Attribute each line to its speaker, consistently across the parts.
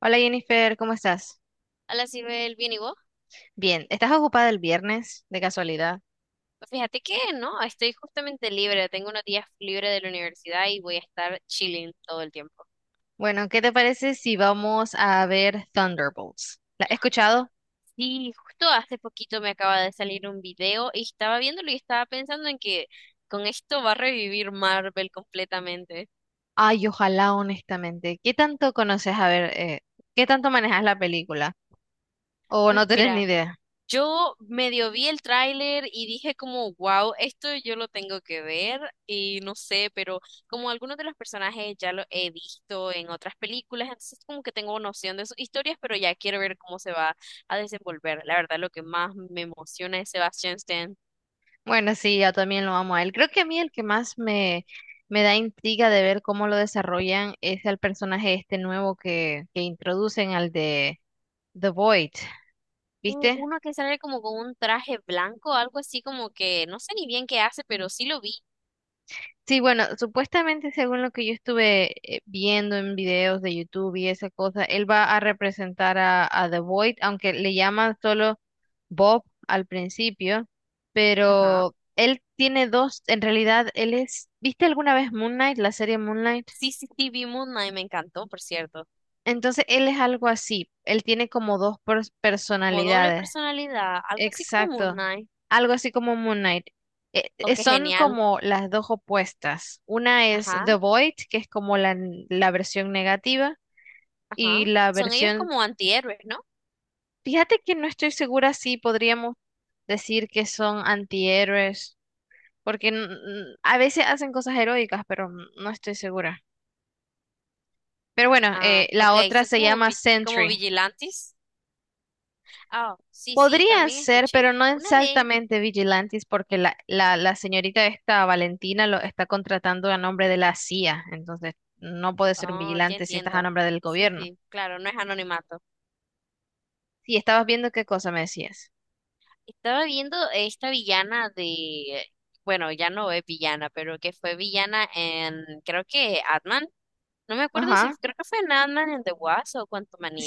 Speaker 1: Hola Jennifer, ¿cómo estás?
Speaker 2: Hola, Sibel, ¿bien y vos?
Speaker 1: Bien, ¿estás ocupada el viernes de casualidad?
Speaker 2: Pues fíjate que no, estoy justamente libre, tengo unos días libres de la universidad y voy a estar chilling todo el tiempo.
Speaker 1: Bueno, ¿qué te parece si vamos a ver Thunderbolts? ¿La has escuchado?
Speaker 2: Sí, justo hace poquito me acaba de salir un video y estaba viéndolo y estaba pensando en que con esto va a revivir Marvel completamente.
Speaker 1: Ay, ojalá, honestamente. ¿Qué tanto conoces? A ver, ¿qué tanto manejas la película? ¿O
Speaker 2: Pues
Speaker 1: no tenés ni
Speaker 2: mira,
Speaker 1: idea?
Speaker 2: yo medio vi el tráiler y dije como, wow, esto yo lo tengo que ver y no sé, pero como algunos de los personajes ya lo he visto en otras películas, entonces como que tengo noción de sus historias, pero ya quiero ver cómo se va a desenvolver. La verdad, lo que más me emociona es Sebastian Stan.
Speaker 1: Bueno, sí, yo también lo amo a él. Creo que a mí el me da intriga de ver cómo lo desarrollan es el personaje este nuevo que introducen al de The Void, ¿viste?
Speaker 2: Uno que sale como con un traje blanco, algo así como que no sé ni bien qué hace, pero sí lo vi.
Speaker 1: Sí, bueno, supuestamente según lo que yo estuve viendo en videos de YouTube y esa cosa, él va a representar a The Void, aunque le llaman solo Bob al principio,
Speaker 2: Ajá.
Speaker 1: pero él tiene dos, en realidad él es, ¿viste alguna vez Moonlight, la serie Moonlight?
Speaker 2: Sí, sí, sí, vi Moon Knight, me encantó, por cierto.
Speaker 1: Entonces él es algo así, él tiene como dos
Speaker 2: Como doble
Speaker 1: personalidades.
Speaker 2: personalidad, algo así como Moon
Speaker 1: Exacto.
Speaker 2: Knight.
Speaker 1: Algo así como Moon Knight.
Speaker 2: Oh, qué
Speaker 1: Son
Speaker 2: genial.
Speaker 1: como las dos opuestas. Una es
Speaker 2: Ajá,
Speaker 1: The Void, que es como la versión negativa, y
Speaker 2: ajá.
Speaker 1: la
Speaker 2: Son ellos
Speaker 1: versión...
Speaker 2: como antihéroes, ¿no?
Speaker 1: Fíjate que no estoy segura si podríamos decir que son antihéroes, porque a veces hacen cosas heroicas, pero no estoy segura. Pero bueno,
Speaker 2: Ah,
Speaker 1: la
Speaker 2: ok,
Speaker 1: otra
Speaker 2: son
Speaker 1: se
Speaker 2: como,
Speaker 1: llama
Speaker 2: como
Speaker 1: Sentry.
Speaker 2: vigilantes. Ah, sí, sí,
Speaker 1: Podrían
Speaker 2: también
Speaker 1: ser,
Speaker 2: escuché.
Speaker 1: pero no
Speaker 2: Una de...
Speaker 1: exactamente vigilantes, porque la señorita esta Valentina lo está contratando a nombre de la CIA, entonces no puede ser un
Speaker 2: Oh, ya
Speaker 1: vigilante si estás a
Speaker 2: entiendo.
Speaker 1: nombre del
Speaker 2: Sí,
Speaker 1: gobierno.
Speaker 2: sí, claro, no es anonimato.
Speaker 1: Sí, estabas viendo qué cosa me decías.
Speaker 2: Estaba viendo esta villana de... Bueno, ya no es villana, pero que fue villana en... Creo que Atman. No me acuerdo si...
Speaker 1: Ajá.
Speaker 2: Creo que fue en Atman en The Wasp o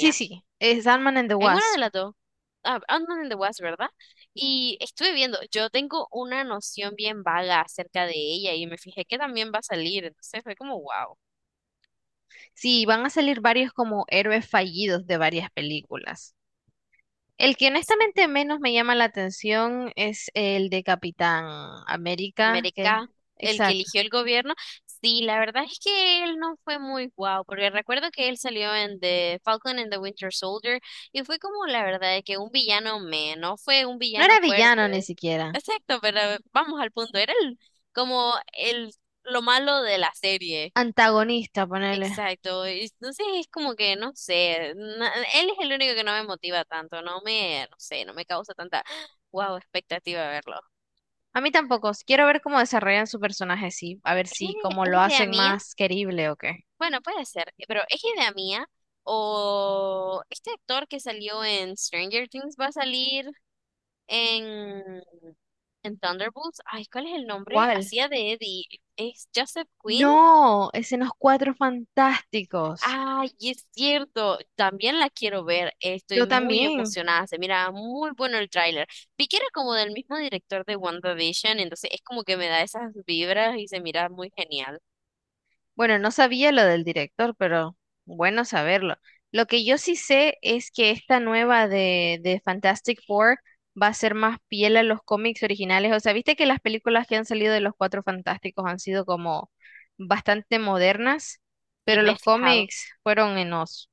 Speaker 1: Sí, sí, es Ant-Man and the
Speaker 2: En una de
Speaker 1: Wasp.
Speaker 2: las dos. Ah, Ant-Man and the Wasp, ¿verdad? Y estuve viendo, yo tengo una noción bien vaga acerca de ella y me fijé que también va a salir, entonces fue como, wow,
Speaker 1: Sí, van a salir varios como héroes fallidos de varias películas. El que
Speaker 2: así,
Speaker 1: honestamente menos me llama la atención es el de Capitán América, que...
Speaker 2: América, el que
Speaker 1: Exacto.
Speaker 2: eligió el gobierno, sí, la verdad es que él no fue muy guau, porque recuerdo que él salió en The Falcon and the Winter Soldier y fue como, la verdad, de que un villano menos, fue un
Speaker 1: No
Speaker 2: villano
Speaker 1: era villano ni
Speaker 2: fuerte,
Speaker 1: siquiera.
Speaker 2: exacto, pero vamos al punto, era el, como el, lo malo de la serie.
Speaker 1: Antagonista, ponele.
Speaker 2: Exacto, y entonces es como que no sé, él es el único que no me motiva tanto, no me, no sé, no me causa tanta wow expectativa de verlo.
Speaker 1: A mí tampoco. Si quiero ver cómo desarrollan su personaje, sí. A ver
Speaker 2: ¿Es
Speaker 1: si cómo
Speaker 2: es
Speaker 1: lo
Speaker 2: idea
Speaker 1: hacen
Speaker 2: mía?
Speaker 1: más querible o qué.
Speaker 2: Bueno, puede ser, pero ¿es idea mía? ¿O este actor que salió en Stranger Things va a salir en, en Thunderbolts? Ay, ¿cuál es el nombre?
Speaker 1: ¿Cuál?
Speaker 2: Hacía de Eddie, ¿es Joseph Quinn?
Speaker 1: No, es en los Cuatro Fantásticos.
Speaker 2: Ay, es cierto, también la quiero ver, estoy
Speaker 1: Yo
Speaker 2: muy
Speaker 1: también.
Speaker 2: emocionada, se mira muy bueno el tráiler. Vi que era como del mismo director de WandaVision, entonces es como que me da esas vibras y se mira muy genial.
Speaker 1: Bueno, no sabía lo del director, pero bueno saberlo. Lo que yo sí sé es que esta nueva de Fantastic Four va a ser más fiel a los cómics originales. O sea, viste que las películas que han salido de los Cuatro Fantásticos han sido como bastante modernas,
Speaker 2: Sí,
Speaker 1: pero
Speaker 2: me he
Speaker 1: los
Speaker 2: fijado.
Speaker 1: cómics fueron en los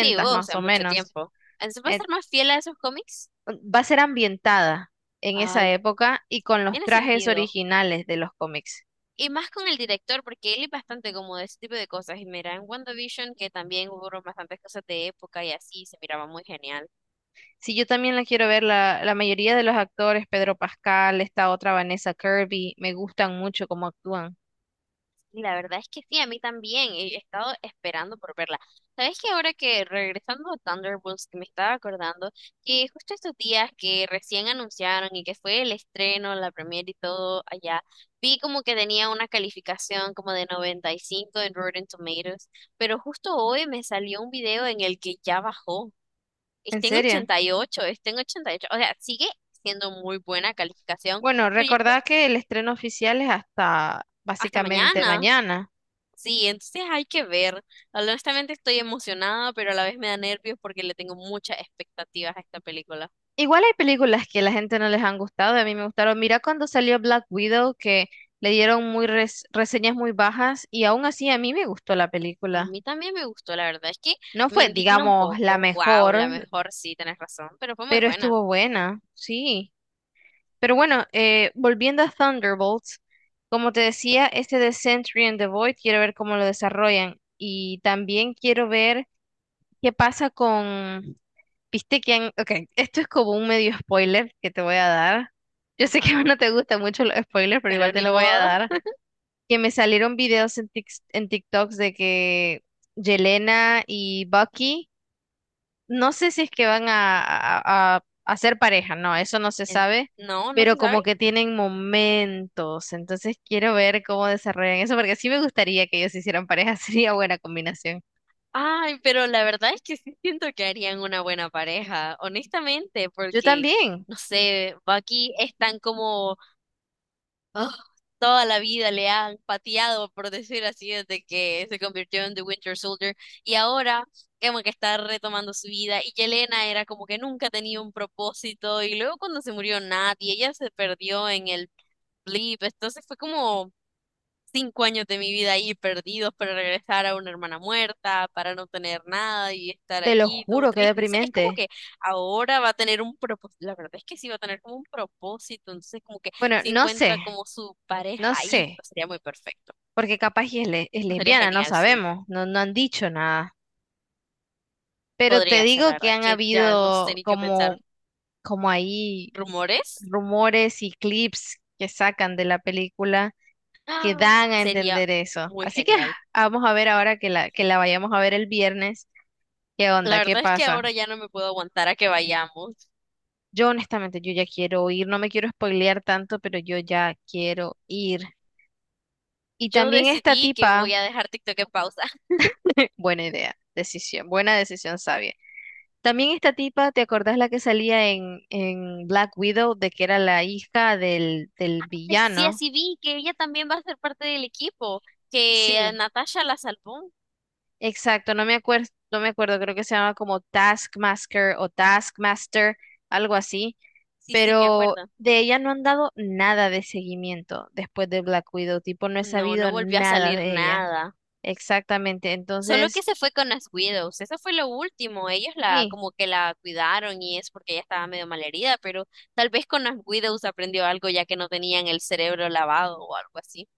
Speaker 2: Sí, o
Speaker 1: más
Speaker 2: sea,
Speaker 1: o
Speaker 2: mucho
Speaker 1: menos.
Speaker 2: tiempo. ¿Se puede
Speaker 1: Eh,
Speaker 2: ser más fiel a esos cómics?
Speaker 1: Va a ser ambientada en esa
Speaker 2: Ay,
Speaker 1: época y con los
Speaker 2: tiene
Speaker 1: trajes
Speaker 2: sentido.
Speaker 1: originales de los cómics.
Speaker 2: Y más con el director, porque él es bastante como de ese tipo de cosas. Y mira, en WandaVision, que también hubo bastantes cosas de época y así, se miraba muy genial.
Speaker 1: Sí, yo también la quiero ver. La mayoría de los actores, Pedro Pascal, esta otra Vanessa Kirby, me gustan mucho cómo actúan.
Speaker 2: Y la verdad es que sí, a mí también. He estado esperando por verla. ¿Sabes que ahora que regresando a Thunderbolts, que me estaba acordando que justo estos días que recién anunciaron y que fue el estreno, la premiere y todo allá, vi como que tenía una calificación como de 95 en Rotten Tomatoes, pero justo hoy me salió un video en el que ya bajó.
Speaker 1: ¿En
Speaker 2: Está en
Speaker 1: serio?
Speaker 2: 88, está en 88. O sea, sigue siendo muy buena calificación,
Speaker 1: Bueno,
Speaker 2: pero ya
Speaker 1: recordad que el estreno oficial es hasta
Speaker 2: hasta
Speaker 1: básicamente
Speaker 2: mañana.
Speaker 1: mañana.
Speaker 2: Sí, entonces hay que ver. Honestamente estoy emocionada, pero a la vez me da nervios porque le tengo muchas expectativas a esta película.
Speaker 1: Igual hay películas que a la gente no les han gustado, a mí me gustaron. Mira cuando salió Black Widow, que le dieron muy reseñas muy bajas y aún así a mí me gustó la
Speaker 2: A
Speaker 1: película.
Speaker 2: mí también me gustó, la verdad es que
Speaker 1: No
Speaker 2: me
Speaker 1: fue,
Speaker 2: indigna un
Speaker 1: digamos, la
Speaker 2: poco. Wow, la
Speaker 1: mejor,
Speaker 2: mejor, sí, tenés razón, pero fue muy
Speaker 1: pero
Speaker 2: buena.
Speaker 1: estuvo buena, sí. Pero bueno, volviendo a Thunderbolts, como te decía, este de Sentry and the Void, quiero ver cómo lo desarrollan. Y también quiero ver qué pasa con... Viste que han... Ok, esto es como un medio spoiler que te voy a dar. Yo sé que
Speaker 2: Ajá,
Speaker 1: no te gustan mucho los spoilers, pero
Speaker 2: pero
Speaker 1: igual te
Speaker 2: ni
Speaker 1: lo voy a
Speaker 2: modo.
Speaker 1: dar. Que me salieron videos en, en TikToks de que Yelena y Bucky no sé si es que van a ser pareja, no, eso no se
Speaker 2: Eh,
Speaker 1: sabe,
Speaker 2: No, no
Speaker 1: pero
Speaker 2: se sabe.
Speaker 1: como que tienen momentos, entonces quiero ver cómo desarrollan eso, porque sí me gustaría que ellos hicieran pareja, sería buena combinación.
Speaker 2: Ay, pero la verdad es que sí siento que harían una buena pareja, honestamente,
Speaker 1: Yo
Speaker 2: porque,
Speaker 1: también,
Speaker 2: no sé, Bucky es tan como Oh, toda la vida le han pateado, por decir así, desde que se convirtió en The Winter Soldier. Y ahora como que está retomando su vida. Y Yelena era como que nunca tenía un propósito. Y luego cuando se murió nadie, ella se perdió en el blip. Entonces fue como 5 años de mi vida ahí perdidos para regresar a una hermana muerta, para no tener nada y estar
Speaker 1: te lo
Speaker 2: aquí todo
Speaker 1: juro, qué
Speaker 2: triste. Entonces, es como
Speaker 1: deprimente.
Speaker 2: que ahora va a tener un propósito, la verdad es que sí va a tener como un propósito, entonces como que
Speaker 1: Bueno,
Speaker 2: si encuentra como su
Speaker 1: no
Speaker 2: pareja ahí,
Speaker 1: sé,
Speaker 2: pues, sería muy perfecto.
Speaker 1: porque capaz y es
Speaker 2: Pues, sería
Speaker 1: lesbiana, no
Speaker 2: genial, sí,
Speaker 1: sabemos, no, no han dicho nada, pero te
Speaker 2: podría ser, la
Speaker 1: digo
Speaker 2: verdad
Speaker 1: que
Speaker 2: es
Speaker 1: han
Speaker 2: que ya no sé
Speaker 1: habido
Speaker 2: ni qué pensar.
Speaker 1: como, como ahí
Speaker 2: ¿Rumores?
Speaker 1: rumores y clips que sacan de la película que
Speaker 2: ¡Ah!
Speaker 1: dan a
Speaker 2: Sería
Speaker 1: entender eso.
Speaker 2: muy
Speaker 1: Así que
Speaker 2: genial.
Speaker 1: ah, vamos a ver ahora que la vayamos a ver el viernes. ¿Qué
Speaker 2: La
Speaker 1: onda? ¿Qué
Speaker 2: verdad es que
Speaker 1: pasa?
Speaker 2: ahora ya no me puedo aguantar a que vayamos.
Speaker 1: Yo honestamente, yo ya quiero ir, no me quiero spoilear tanto, pero yo ya quiero ir. Y
Speaker 2: Yo
Speaker 1: también esta
Speaker 2: decidí que
Speaker 1: tipa,
Speaker 2: voy a dejar TikTok en pausa.
Speaker 1: buena idea, buena decisión sabia. También esta tipa, ¿te acordás la que salía en Black Widow, de que era la hija del
Speaker 2: Sí,
Speaker 1: villano?
Speaker 2: así vi que ella también va a ser parte del equipo, que a
Speaker 1: Sí,
Speaker 2: Natasha la salvó.
Speaker 1: exacto, no me acuerdo, creo que se llama como Taskmaster o Taskmaster, algo así.
Speaker 2: Sí, sí, me
Speaker 1: Pero
Speaker 2: acuerdo.
Speaker 1: de ella no han dado nada de seguimiento después de Black Widow, tipo, no he
Speaker 2: No, no
Speaker 1: sabido
Speaker 2: volvió a
Speaker 1: nada
Speaker 2: salir
Speaker 1: de ella.
Speaker 2: nada.
Speaker 1: Exactamente,
Speaker 2: Solo que
Speaker 1: entonces,
Speaker 2: se fue con las Widows, eso fue lo último, ellos la
Speaker 1: sí,
Speaker 2: como que la cuidaron y es porque ella estaba medio malherida, pero tal vez con las Widows aprendió algo ya que no tenían el cerebro lavado o algo así.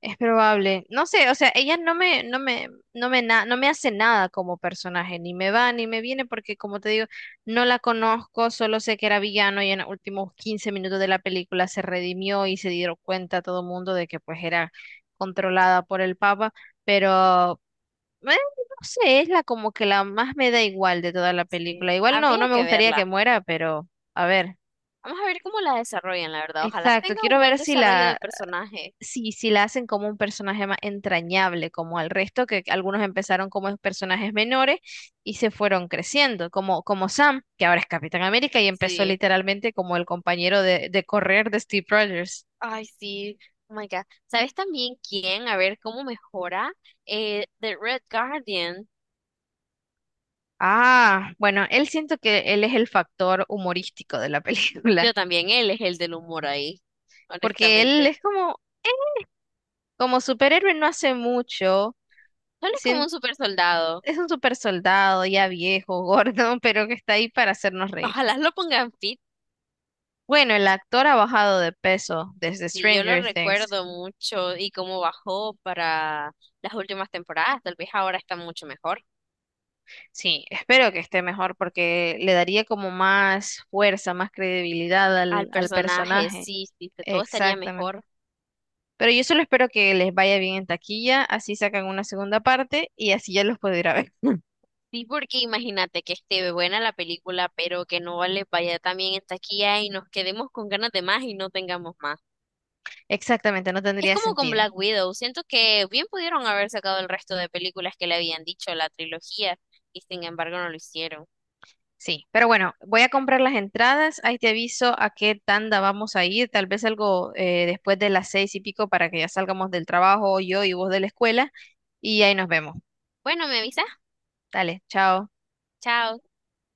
Speaker 1: es probable. No sé, o sea, ella no me, no me, no me, na- no me hace nada como personaje, ni me va ni me viene, porque como te digo, no la conozco, solo sé que era villano y en los últimos 15 minutos de la película se redimió y se dieron cuenta todo el mundo de que pues era controlada por el Papa, pero no sé, es la como que la más me da igual de toda la
Speaker 2: Sí.
Speaker 1: película. Igual no, no
Speaker 2: Habría
Speaker 1: me
Speaker 2: que
Speaker 1: gustaría que
Speaker 2: verla.
Speaker 1: muera, pero a ver.
Speaker 2: Vamos a ver cómo la desarrollan, la verdad. Ojalá
Speaker 1: Exacto,
Speaker 2: tenga
Speaker 1: quiero
Speaker 2: un buen
Speaker 1: ver si
Speaker 2: desarrollo de personaje.
Speaker 1: si la hacen como un personaje más entrañable, como al resto, que algunos empezaron como personajes menores y se fueron creciendo, como Sam, que ahora es Capitán América y empezó
Speaker 2: Sí.
Speaker 1: literalmente como el compañero de correr de Steve Rogers.
Speaker 2: Ay, sí, oh my God. ¿Sabes también quién? A ver cómo mejora. The Red Guardian.
Speaker 1: Ah, bueno, él siento que él es el factor humorístico de la
Speaker 2: Yo
Speaker 1: película,
Speaker 2: también, él es el del humor ahí,
Speaker 1: porque él
Speaker 2: honestamente.
Speaker 1: es como como superhéroe no hace mucho,
Speaker 2: Él es como
Speaker 1: sien-
Speaker 2: un super soldado.
Speaker 1: es un super soldado ya viejo, gordo, pero que está ahí para hacernos reír.
Speaker 2: Ojalá lo pongan fit.
Speaker 1: Bueno, el actor ha bajado de peso desde
Speaker 2: Sí, yo lo
Speaker 1: Stranger Things.
Speaker 2: recuerdo mucho y cómo bajó para las últimas temporadas. Tal vez ahora está mucho mejor.
Speaker 1: Sí, espero que esté mejor porque le daría como más fuerza, más credibilidad
Speaker 2: Al
Speaker 1: al
Speaker 2: personaje,
Speaker 1: personaje.
Speaker 2: sí, sí, que todo estaría
Speaker 1: Exactamente.
Speaker 2: mejor.
Speaker 1: Pero yo solo espero que les vaya bien en taquilla, así sacan una segunda parte y así ya los puedo ir a ver.
Speaker 2: Sí, porque imagínate que esté buena la película, pero que no le vaya tan bien en taquilla y nos quedemos con ganas de más y no tengamos más.
Speaker 1: Exactamente, no
Speaker 2: Es
Speaker 1: tendría
Speaker 2: como con
Speaker 1: sentido.
Speaker 2: Black Widow, siento que bien pudieron haber sacado el resto de películas que le habían dicho la trilogía y sin embargo no lo hicieron.
Speaker 1: Sí, pero bueno, voy a comprar las entradas, ahí te aviso a qué tanda vamos a ir, tal vez algo después de las seis y pico para que ya salgamos del trabajo, yo y vos de la escuela, y ahí nos vemos.
Speaker 2: Bueno, me avisas.
Speaker 1: Dale, chao.
Speaker 2: Chao.